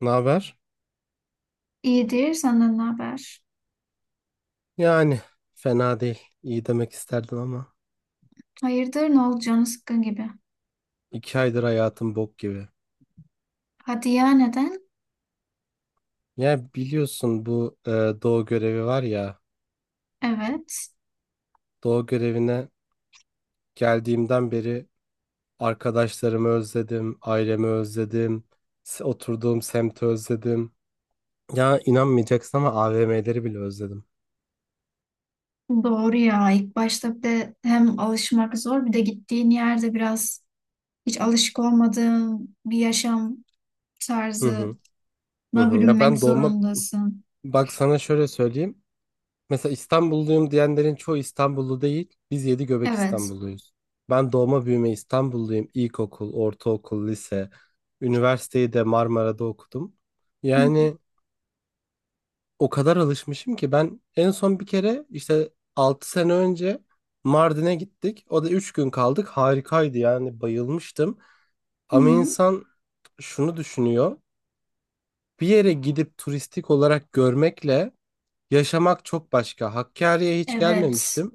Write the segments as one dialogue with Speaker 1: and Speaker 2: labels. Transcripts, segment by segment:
Speaker 1: Ne haber?
Speaker 2: İyidir, senden ne haber?
Speaker 1: Yani fena değil. İyi demek isterdim ama
Speaker 2: Hayırdır, ne oldu canı sıkkın gibi.
Speaker 1: 2 aydır hayatım bok gibi.
Speaker 2: Hadi ya, neden?
Speaker 1: Ya biliyorsun bu doğu görevi var ya.
Speaker 2: Evet,
Speaker 1: Doğu görevine geldiğimden beri arkadaşlarımı özledim, ailemi özledim, oturduğum semti özledim. Ya inanmayacaksın ama AVM'leri bile özledim.
Speaker 2: doğru ya. İlk başta bir de hem alışmak zor, bir de gittiğin yerde biraz hiç alışık olmadığın bir yaşam
Speaker 1: Hı hı,
Speaker 2: tarzına
Speaker 1: hı hı. Ya
Speaker 2: bürünmek
Speaker 1: ben doğma
Speaker 2: zorundasın.
Speaker 1: bak sana şöyle söyleyeyim. Mesela İstanbulluyum diyenlerin çoğu İstanbullu değil. Biz yedi göbek
Speaker 2: Evet.
Speaker 1: İstanbulluyuz. Ben doğma büyüme İstanbulluyum. İlkokul, ortaokul, lise, üniversiteyi de Marmara'da okudum.
Speaker 2: Hı hı.
Speaker 1: Yani o kadar alışmışım ki ben en son bir kere işte 6 sene önce Mardin'e gittik. O da 3 gün kaldık. Harikaydı yani bayılmıştım.
Speaker 2: Hı
Speaker 1: Ama
Speaker 2: hı.
Speaker 1: insan şunu düşünüyor. Bir yere gidip turistik olarak görmekle yaşamak çok başka. Hakkari'ye hiç
Speaker 2: Evet,
Speaker 1: gelmemiştim.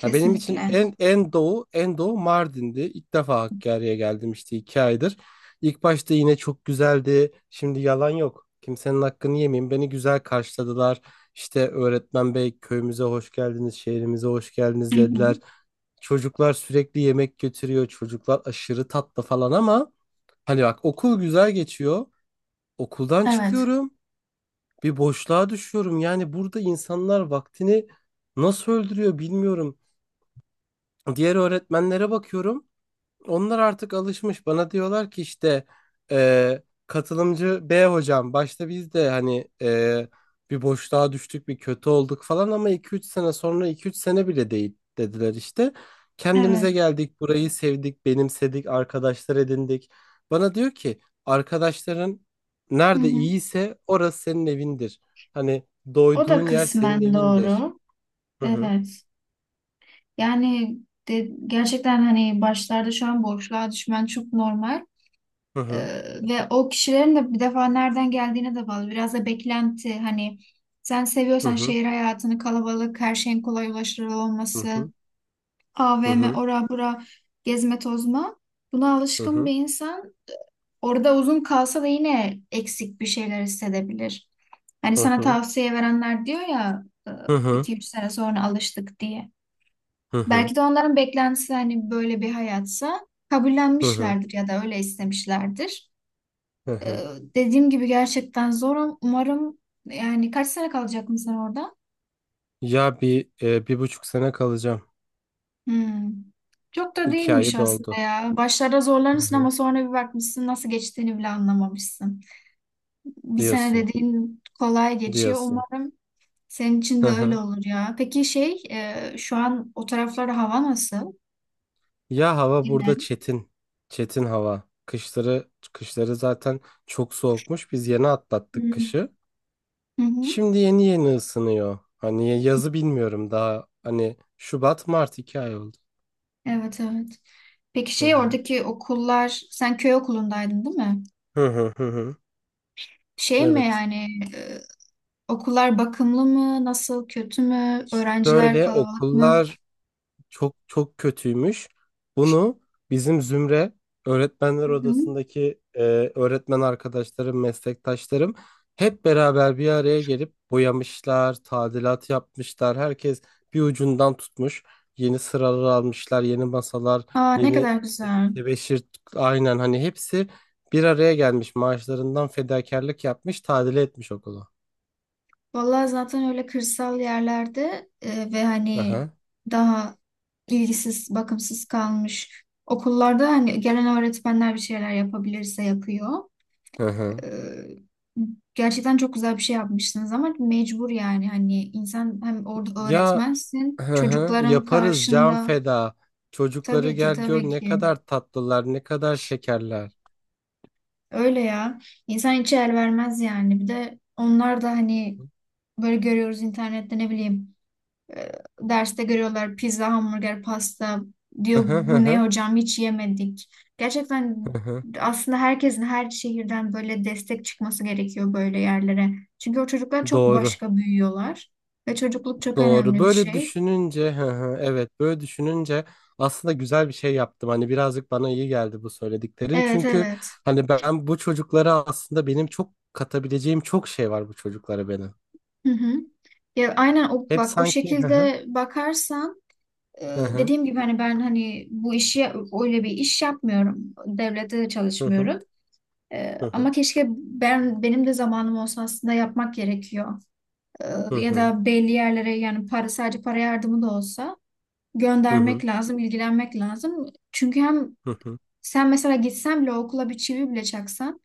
Speaker 1: Ha, benim için en doğu en doğu Mardin'di. İlk defa Hakkari'ye geldim işte 2 aydır. İlk başta yine çok güzeldi. Şimdi yalan yok. Kimsenin hakkını yemeyeyim. Beni güzel karşıladılar. İşte öğretmen bey köyümüze hoş geldiniz, şehrimize hoş
Speaker 2: Hı
Speaker 1: geldiniz dediler.
Speaker 2: hı.
Speaker 1: Çocuklar sürekli yemek götürüyor. Çocuklar aşırı tatlı falan ama hani bak okul güzel geçiyor. Okuldan
Speaker 2: Evet.
Speaker 1: çıkıyorum, bir boşluğa düşüyorum. Yani burada insanlar vaktini nasıl öldürüyor bilmiyorum. Diğer öğretmenlere bakıyorum. Onlar artık alışmış. Bana diyorlar ki işte katılımcı B hocam. Başta biz de hani bir boşluğa düştük, bir kötü olduk falan ama iki üç sene sonra iki üç sene bile değil dediler işte.
Speaker 2: Evet.
Speaker 1: Kendimize geldik, burayı sevdik, benimsedik, arkadaşlar edindik. Bana diyor ki arkadaşların
Speaker 2: Hı
Speaker 1: nerede
Speaker 2: hı.
Speaker 1: iyiyse orası senin evindir. Hani
Speaker 2: O
Speaker 1: doyduğun
Speaker 2: da
Speaker 1: yer senin
Speaker 2: kısmen
Speaker 1: evindir.
Speaker 2: doğru.
Speaker 1: Hı hı
Speaker 2: Evet. Yani de, gerçekten hani başlarda şu an boşluğa düşmen çok normal.
Speaker 1: hı hı
Speaker 2: Ee, ve o kişilerin de bir defa nereden geldiğine de bağlı. Biraz da beklenti hani sen seviyorsan
Speaker 1: hı
Speaker 2: şehir hayatını, kalabalık, her şeyin kolay ulaşılır
Speaker 1: hı hı
Speaker 2: olması, AVM,
Speaker 1: hı
Speaker 2: ora bura, gezme tozma. Buna
Speaker 1: hı hı
Speaker 2: alışkın bir
Speaker 1: hı.
Speaker 2: insan orada uzun kalsa da yine eksik bir şeyler hissedebilir. Hani sana
Speaker 1: Hı
Speaker 2: tavsiye verenler diyor ya
Speaker 1: hı.
Speaker 2: iki üç sene sonra alıştık diye.
Speaker 1: Hı hı.
Speaker 2: Belki de onların beklentisi hani böyle bir hayatsa
Speaker 1: Hı hı.
Speaker 2: kabullenmişlerdir ya da öyle istemişlerdir.
Speaker 1: Hı
Speaker 2: Ee,
Speaker 1: hı.
Speaker 2: dediğim gibi gerçekten zor. Umarım yani kaç sene kalacak mısın orada?
Speaker 1: Ya 1,5 sene kalacağım.
Speaker 2: Hmm. Çok da
Speaker 1: İki
Speaker 2: değilmiş
Speaker 1: ayı
Speaker 2: aslında
Speaker 1: doldu.
Speaker 2: ya. Başlarda
Speaker 1: Hı
Speaker 2: zorlanırsın ama
Speaker 1: hı.
Speaker 2: sonra bir bakmışsın nasıl geçtiğini bile anlamamışsın. Bir sene
Speaker 1: Diyorsun.
Speaker 2: dediğin kolay geçiyor.
Speaker 1: Diyorsun.
Speaker 2: Umarım senin için
Speaker 1: Hı
Speaker 2: de öyle
Speaker 1: hı.
Speaker 2: olur ya. Peki şey şu an o taraflarda hava nasıl?
Speaker 1: Ya hava
Speaker 2: Genel.
Speaker 1: burada çetin. Çetin hava. Kışları kışları zaten çok soğukmuş. Biz yeni
Speaker 2: Hı
Speaker 1: atlattık
Speaker 2: hı.
Speaker 1: kışı.
Speaker 2: Hı hı.
Speaker 1: Şimdi yeni yeni ısınıyor. Hani yazı bilmiyorum daha. Hani Şubat, Mart 2 ay oldu.
Speaker 2: Evet evet. Peki
Speaker 1: Hı
Speaker 2: şey
Speaker 1: hı.
Speaker 2: oradaki okullar sen köy okulundaydın değil mi?
Speaker 1: Hı hı hı hı.
Speaker 2: Şey mi
Speaker 1: Evet.
Speaker 2: yani e, okullar bakımlı mı? Nasıl kötü mü? Öğrenciler
Speaker 1: Böyle
Speaker 2: kalabalık mı?
Speaker 1: okullar çok çok kötüymüş. Bunu bizim Zümre öğretmenler
Speaker 2: Hı hı.
Speaker 1: odasındaki öğretmen arkadaşlarım, meslektaşlarım hep beraber bir araya gelip boyamışlar, tadilat yapmışlar. Herkes bir ucundan tutmuş. Yeni sıralar almışlar, yeni masalar,
Speaker 2: Aa, ne
Speaker 1: yeni
Speaker 2: kadar güzel.
Speaker 1: tebeşir, aynen hani hepsi bir araya gelmiş. Maaşlarından fedakarlık yapmış, tadile etmiş okulu.
Speaker 2: Vallahi zaten öyle kırsal yerlerde ve hani
Speaker 1: Aha,
Speaker 2: daha ilgisiz, bakımsız kalmış okullarda hani gelen öğretmenler bir şeyler yapabilirse yapıyor.
Speaker 1: aha.
Speaker 2: Ee, gerçekten çok güzel bir şey yapmışsınız ama mecbur yani hani insan hem orada
Speaker 1: Ya,
Speaker 2: öğretmensin
Speaker 1: hı hı,
Speaker 2: çocukların
Speaker 1: yaparız can
Speaker 2: karşında
Speaker 1: feda. Çocukları
Speaker 2: tabii ki
Speaker 1: gel gör
Speaker 2: tabii
Speaker 1: ne
Speaker 2: ki
Speaker 1: kadar tatlılar, ne kadar şekerler.
Speaker 2: öyle ya insan hiç el vermez yani bir de onlar da hani böyle görüyoruz internette ne bileyim. E, derste görüyorlar pizza, hamburger, pasta.
Speaker 1: Hı
Speaker 2: Diyor
Speaker 1: hı hı
Speaker 2: bu ne
Speaker 1: hı,
Speaker 2: hocam hiç yemedik. Gerçekten
Speaker 1: hı hı.
Speaker 2: aslında herkesin her şehirden böyle destek çıkması gerekiyor böyle yerlere. Çünkü o çocuklar çok
Speaker 1: Doğru,
Speaker 2: başka büyüyorlar. Ve çocukluk çok
Speaker 1: doğru.
Speaker 2: önemli bir
Speaker 1: Böyle
Speaker 2: şey.
Speaker 1: düşününce, hı hı, evet, böyle düşününce aslında güzel bir şey yaptım. Hani birazcık bana iyi geldi bu söylediklerin.
Speaker 2: Evet
Speaker 1: Çünkü
Speaker 2: evet.
Speaker 1: hani ben bu çocuklara aslında benim çok katabileceğim çok şey var bu çocuklara benim.
Speaker 2: Hı hı. Ya aynen o,
Speaker 1: Hep
Speaker 2: bak o
Speaker 1: sanki hı hı
Speaker 2: şekilde bakarsan e,
Speaker 1: hı hı
Speaker 2: dediğim gibi hani ben hani bu işi öyle bir iş yapmıyorum. Devlette de
Speaker 1: hı hı
Speaker 2: çalışmıyorum.
Speaker 1: hı
Speaker 2: Ama keşke ben benim de zamanım olsa aslında yapmak gerekiyor.
Speaker 1: hı
Speaker 2: Ee, ya
Speaker 1: hı
Speaker 2: da belli yerlere yani para sadece para yardımı da olsa
Speaker 1: hı
Speaker 2: göndermek lazım, ilgilenmek lazım. Çünkü hem
Speaker 1: hı hı.
Speaker 2: sen mesela gitsen bile okula bir çivi bile çaksan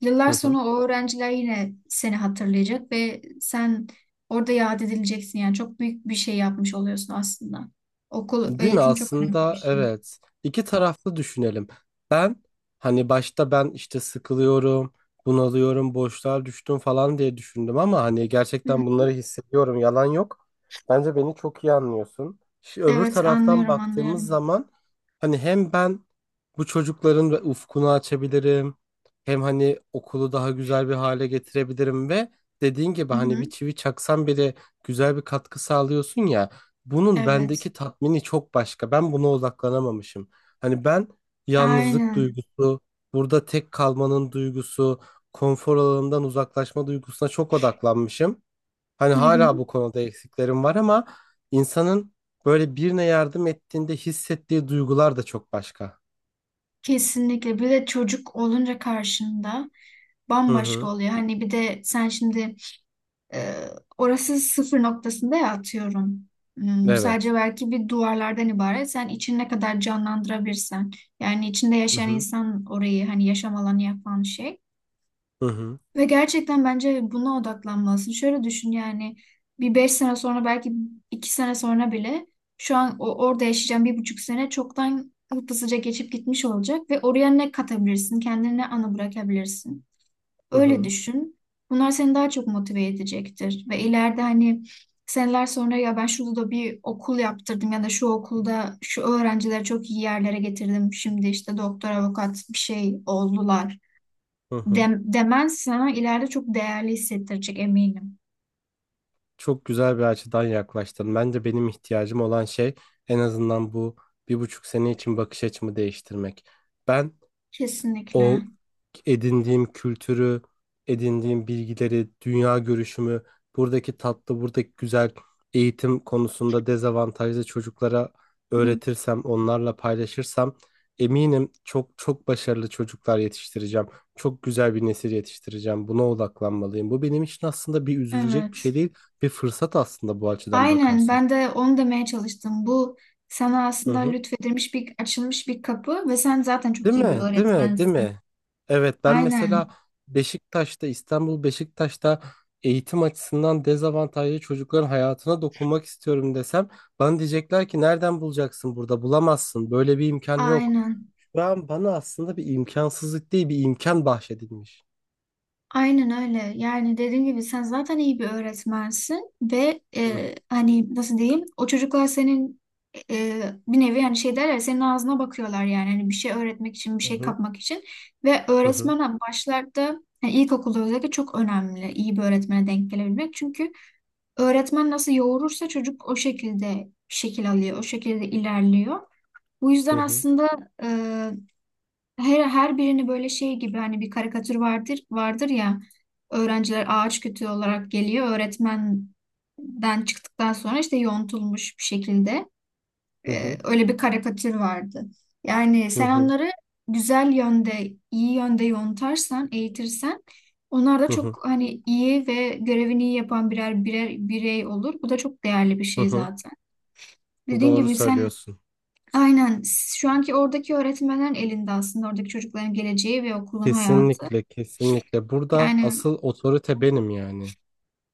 Speaker 2: yıllar
Speaker 1: Hı.
Speaker 2: sonra o öğrenciler yine seni hatırlayacak ve sen orada yad edileceksin. Yani çok büyük bir şey yapmış oluyorsun aslında. Okul,
Speaker 1: Değil mi?
Speaker 2: eğitim çok önemli bir
Speaker 1: Aslında
Speaker 2: şey.
Speaker 1: evet. İki taraflı düşünelim. Ben hani başta ben işte sıkılıyorum, bunalıyorum, boşluğa düştüm falan diye düşündüm ama hani
Speaker 2: Hı
Speaker 1: gerçekten
Speaker 2: hı.
Speaker 1: bunları hissediyorum. Yalan yok. Bence beni çok iyi anlıyorsun. Şimdi öbür
Speaker 2: Evet
Speaker 1: taraftan
Speaker 2: anlıyorum
Speaker 1: baktığımız
Speaker 2: anlıyorum.
Speaker 1: zaman hani hem ben bu çocukların ve ufkunu açabilirim. Hem hani okulu daha güzel bir hale getirebilirim ve dediğin gibi
Speaker 2: Hı
Speaker 1: hani bir
Speaker 2: hı.
Speaker 1: çivi çaksan bile güzel bir katkı sağlıyorsun ya. Bunun
Speaker 2: Evet.
Speaker 1: bendeki tatmini çok başka. Ben buna odaklanamamışım. Hani ben yalnızlık
Speaker 2: Aynen.
Speaker 1: duygusu, burada tek kalmanın duygusu, konfor alanından uzaklaşma duygusuna çok odaklanmışım. Hani
Speaker 2: Hı hı.
Speaker 1: hala bu konuda eksiklerim var ama insanın böyle birine yardım ettiğinde hissettiği duygular da çok başka.
Speaker 2: Kesinlikle. Bir de çocuk olunca karşında
Speaker 1: Hı
Speaker 2: bambaşka
Speaker 1: hı.
Speaker 2: oluyor. Hani bir de sen şimdi e, orası sıfır noktasında ya atıyorum. Hmm, sadece
Speaker 1: Evet.
Speaker 2: belki bir duvarlardan ibaret. Sen için ne kadar canlandırabilirsen. Yani içinde
Speaker 1: Hı
Speaker 2: yaşayan
Speaker 1: hı.
Speaker 2: insan orayı hani yaşam alanı yapan şey.
Speaker 1: Hı hı.
Speaker 2: Ve gerçekten bence buna odaklanmalısın. Şöyle düşün yani bir 5 sene sonra belki 2 sene sonra bile şu an orada yaşayacağım 1,5 sene çoktan hızlıca geçip gitmiş olacak ve oraya ne katabilirsin, kendine ne anı bırakabilirsin.
Speaker 1: Hı
Speaker 2: Öyle
Speaker 1: hı.
Speaker 2: düşün. Bunlar seni daha çok motive edecektir ve ileride hani seneler sonra ya ben şurada da bir okul yaptırdım ya da şu okulda şu öğrencileri çok iyi yerlere getirdim. Şimdi işte doktor, avukat bir şey oldular
Speaker 1: Hı hı.
Speaker 2: dem demens sana ileride çok değerli hissettirecek eminim.
Speaker 1: Çok güzel bir açıdan yaklaştın. Bence benim ihtiyacım olan şey en azından bu 1,5 sene için bakış açımı değiştirmek. Ben o
Speaker 2: Kesinlikle.
Speaker 1: edindiğim kültürü, edindiğim bilgileri, dünya görüşümü, buradaki tatlı, buradaki güzel eğitim konusunda dezavantajlı çocuklara
Speaker 2: Hı,
Speaker 1: öğretirsem, onlarla paylaşırsam eminim çok çok başarılı çocuklar yetiştireceğim. Çok güzel bir nesil yetiştireceğim. Buna odaklanmalıyım. Bu benim için aslında bir üzülecek bir şey
Speaker 2: Evet.
Speaker 1: değil, bir fırsat aslında bu açıdan
Speaker 2: Aynen ben
Speaker 1: bakarsak.
Speaker 2: de onu demeye çalıştım. Bu sana
Speaker 1: Hı
Speaker 2: aslında
Speaker 1: hı.
Speaker 2: lütfedilmiş bir açılmış bir kapı ve sen zaten çok
Speaker 1: Değil
Speaker 2: iyi bir
Speaker 1: mi? Değil mi? Değil
Speaker 2: öğretmensin.
Speaker 1: mi? Evet ben mesela
Speaker 2: Aynen.
Speaker 1: Beşiktaş'ta, İstanbul Beşiktaş'ta eğitim açısından dezavantajlı çocukların hayatına dokunmak istiyorum desem bana diyecekler ki nereden bulacaksın, burada bulamazsın, böyle bir imkan yok.
Speaker 2: Aynen.
Speaker 1: Şu an bana aslında bir imkansızlık değil bir imkan bahşedilmiş.
Speaker 2: Aynen öyle. Yani dediğim gibi sen zaten iyi bir öğretmensin ve
Speaker 1: Hı
Speaker 2: hani nasıl diyeyim o çocuklar senin e, bir nevi yani şey derler senin ağzına bakıyorlar yani hani bir şey öğretmek için bir
Speaker 1: hı
Speaker 2: şey
Speaker 1: hı
Speaker 2: kapmak için ve
Speaker 1: hı hı
Speaker 2: öğretmen hani başlarda yani ilkokulda özellikle çok önemli iyi bir öğretmene denk gelebilmek. Çünkü öğretmen nasıl yoğurursa çocuk o şekilde şekil alıyor, o şekilde ilerliyor. Bu yüzden
Speaker 1: hı
Speaker 2: aslında her birini böyle şey gibi hani bir karikatür vardır ya öğrenciler ağaç kütüğü olarak geliyor öğretmenden çıktıktan sonra işte yontulmuş bir şekilde
Speaker 1: hı hı
Speaker 2: öyle bir karikatür vardı. Yani
Speaker 1: hı
Speaker 2: sen
Speaker 1: hı
Speaker 2: onları güzel yönde iyi yönde yontarsan eğitirsen onlar da
Speaker 1: hı hı
Speaker 2: çok hani iyi ve görevini iyi yapan birer birey olur. Bu da çok değerli bir
Speaker 1: hı
Speaker 2: şey
Speaker 1: hı.
Speaker 2: zaten. Dediğin
Speaker 1: Doğru
Speaker 2: gibi sen.
Speaker 1: söylüyorsun.
Speaker 2: Aynen. Şu anki oradaki öğretmenlerin elinde aslında oradaki çocukların geleceği ve okulun hayatı.
Speaker 1: Kesinlikle, kesinlikle burada
Speaker 2: Yani
Speaker 1: asıl otorite benim yani.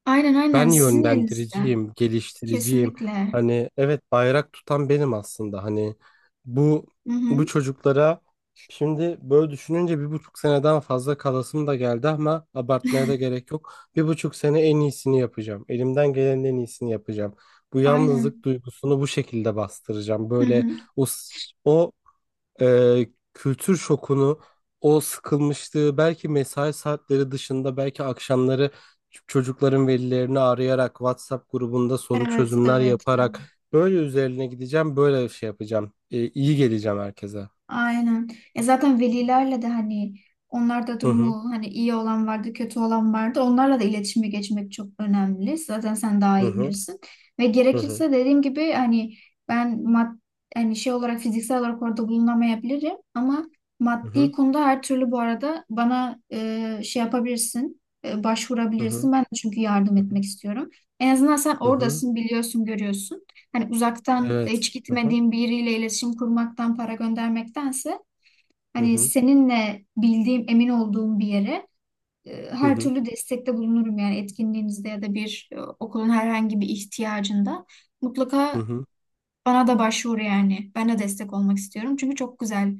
Speaker 2: aynen aynen
Speaker 1: Ben
Speaker 2: sizin elinizde.
Speaker 1: yönlendiriciyim, geliştiriciyim.
Speaker 2: Kesinlikle.
Speaker 1: Hani evet bayrak tutan benim aslında. Hani bu
Speaker 2: Hı
Speaker 1: bu
Speaker 2: hı.
Speaker 1: çocuklara şimdi böyle düşününce 1,5 seneden fazla kalasım da geldi ama abartmaya da gerek yok. 1,5 sene en iyisini yapacağım. Elimden gelenin en iyisini yapacağım. Bu
Speaker 2: Aynen.
Speaker 1: yalnızlık duygusunu bu şekilde bastıracağım.
Speaker 2: Hı
Speaker 1: Böyle
Speaker 2: hı.
Speaker 1: o, e, kültür şokunu, o sıkılmışlığı belki mesai saatleri dışında belki akşamları çocukların velilerini arayarak WhatsApp grubunda soru
Speaker 2: Evet,
Speaker 1: çözümler
Speaker 2: evet.
Speaker 1: yaparak böyle üzerine gideceğim, böyle şey yapacağım. E, iyi geleceğim herkese.
Speaker 2: Aynen. Ya zaten velilerle de hani onlar da
Speaker 1: Hı hı
Speaker 2: durumu hani iyi olan vardı, kötü olan vardı. Onlarla da iletişime geçmek çok önemli. Zaten sen daha
Speaker 1: hı
Speaker 2: iyi
Speaker 1: hı
Speaker 2: bilirsin. Ve
Speaker 1: hı
Speaker 2: gerekirse dediğim gibi hani ben hani şey olarak fiziksel olarak orada bulunamayabilirim ama
Speaker 1: hı
Speaker 2: maddi
Speaker 1: hı
Speaker 2: konuda her türlü bu arada bana şey yapabilirsin,
Speaker 1: hı hı
Speaker 2: başvurabilirsin. Ben de çünkü yardım
Speaker 1: hı
Speaker 2: etmek istiyorum. En azından sen
Speaker 1: hı hı.
Speaker 2: oradasın, biliyorsun, görüyorsun. Hani uzaktan
Speaker 1: Evet.
Speaker 2: hiç
Speaker 1: Hı hı
Speaker 2: gitmediğim biriyle iletişim kurmaktan para göndermektense
Speaker 1: hı
Speaker 2: hani
Speaker 1: hı
Speaker 2: seninle bildiğim, emin olduğum bir yere
Speaker 1: hı
Speaker 2: her
Speaker 1: hı.
Speaker 2: türlü destekte bulunurum yani etkinliğinizde ya da bir okulun herhangi bir ihtiyacında.
Speaker 1: Hı
Speaker 2: Mutlaka
Speaker 1: hı.
Speaker 2: bana da başvur yani. Ben de destek olmak istiyorum. Çünkü çok güzel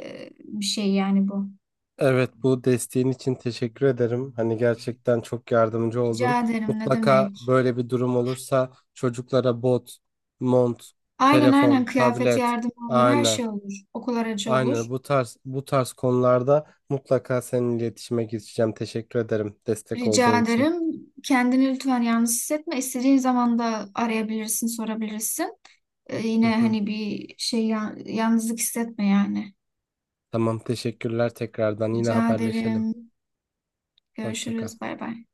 Speaker 2: bir şey yani bu.
Speaker 1: Evet, bu desteğin için teşekkür ederim. Hani gerçekten çok yardımcı oldun.
Speaker 2: Rica ederim ne
Speaker 1: Mutlaka
Speaker 2: demek.
Speaker 1: böyle bir durum olursa çocuklara bot, mont,
Speaker 2: Aynen aynen
Speaker 1: telefon,
Speaker 2: kıyafet
Speaker 1: tablet,
Speaker 2: yardımı olur, her
Speaker 1: aynen,
Speaker 2: şey olur. Okul aracı olur.
Speaker 1: aynen bu tarz bu tarz konularda mutlaka seninle iletişime geçeceğim. Teşekkür ederim destek
Speaker 2: Rica
Speaker 1: olduğun için.
Speaker 2: ederim. Kendini lütfen yalnız hissetme. İstediğin zaman da arayabilirsin, sorabilirsin.
Speaker 1: Hı
Speaker 2: Yine
Speaker 1: hı.
Speaker 2: hani bir şey yalnızlık hissetme yani.
Speaker 1: Tamam, teşekkürler tekrardan. Yine
Speaker 2: Rica
Speaker 1: haberleşelim.
Speaker 2: ederim.
Speaker 1: Hoşça kal.
Speaker 2: Görüşürüz. Bay bay.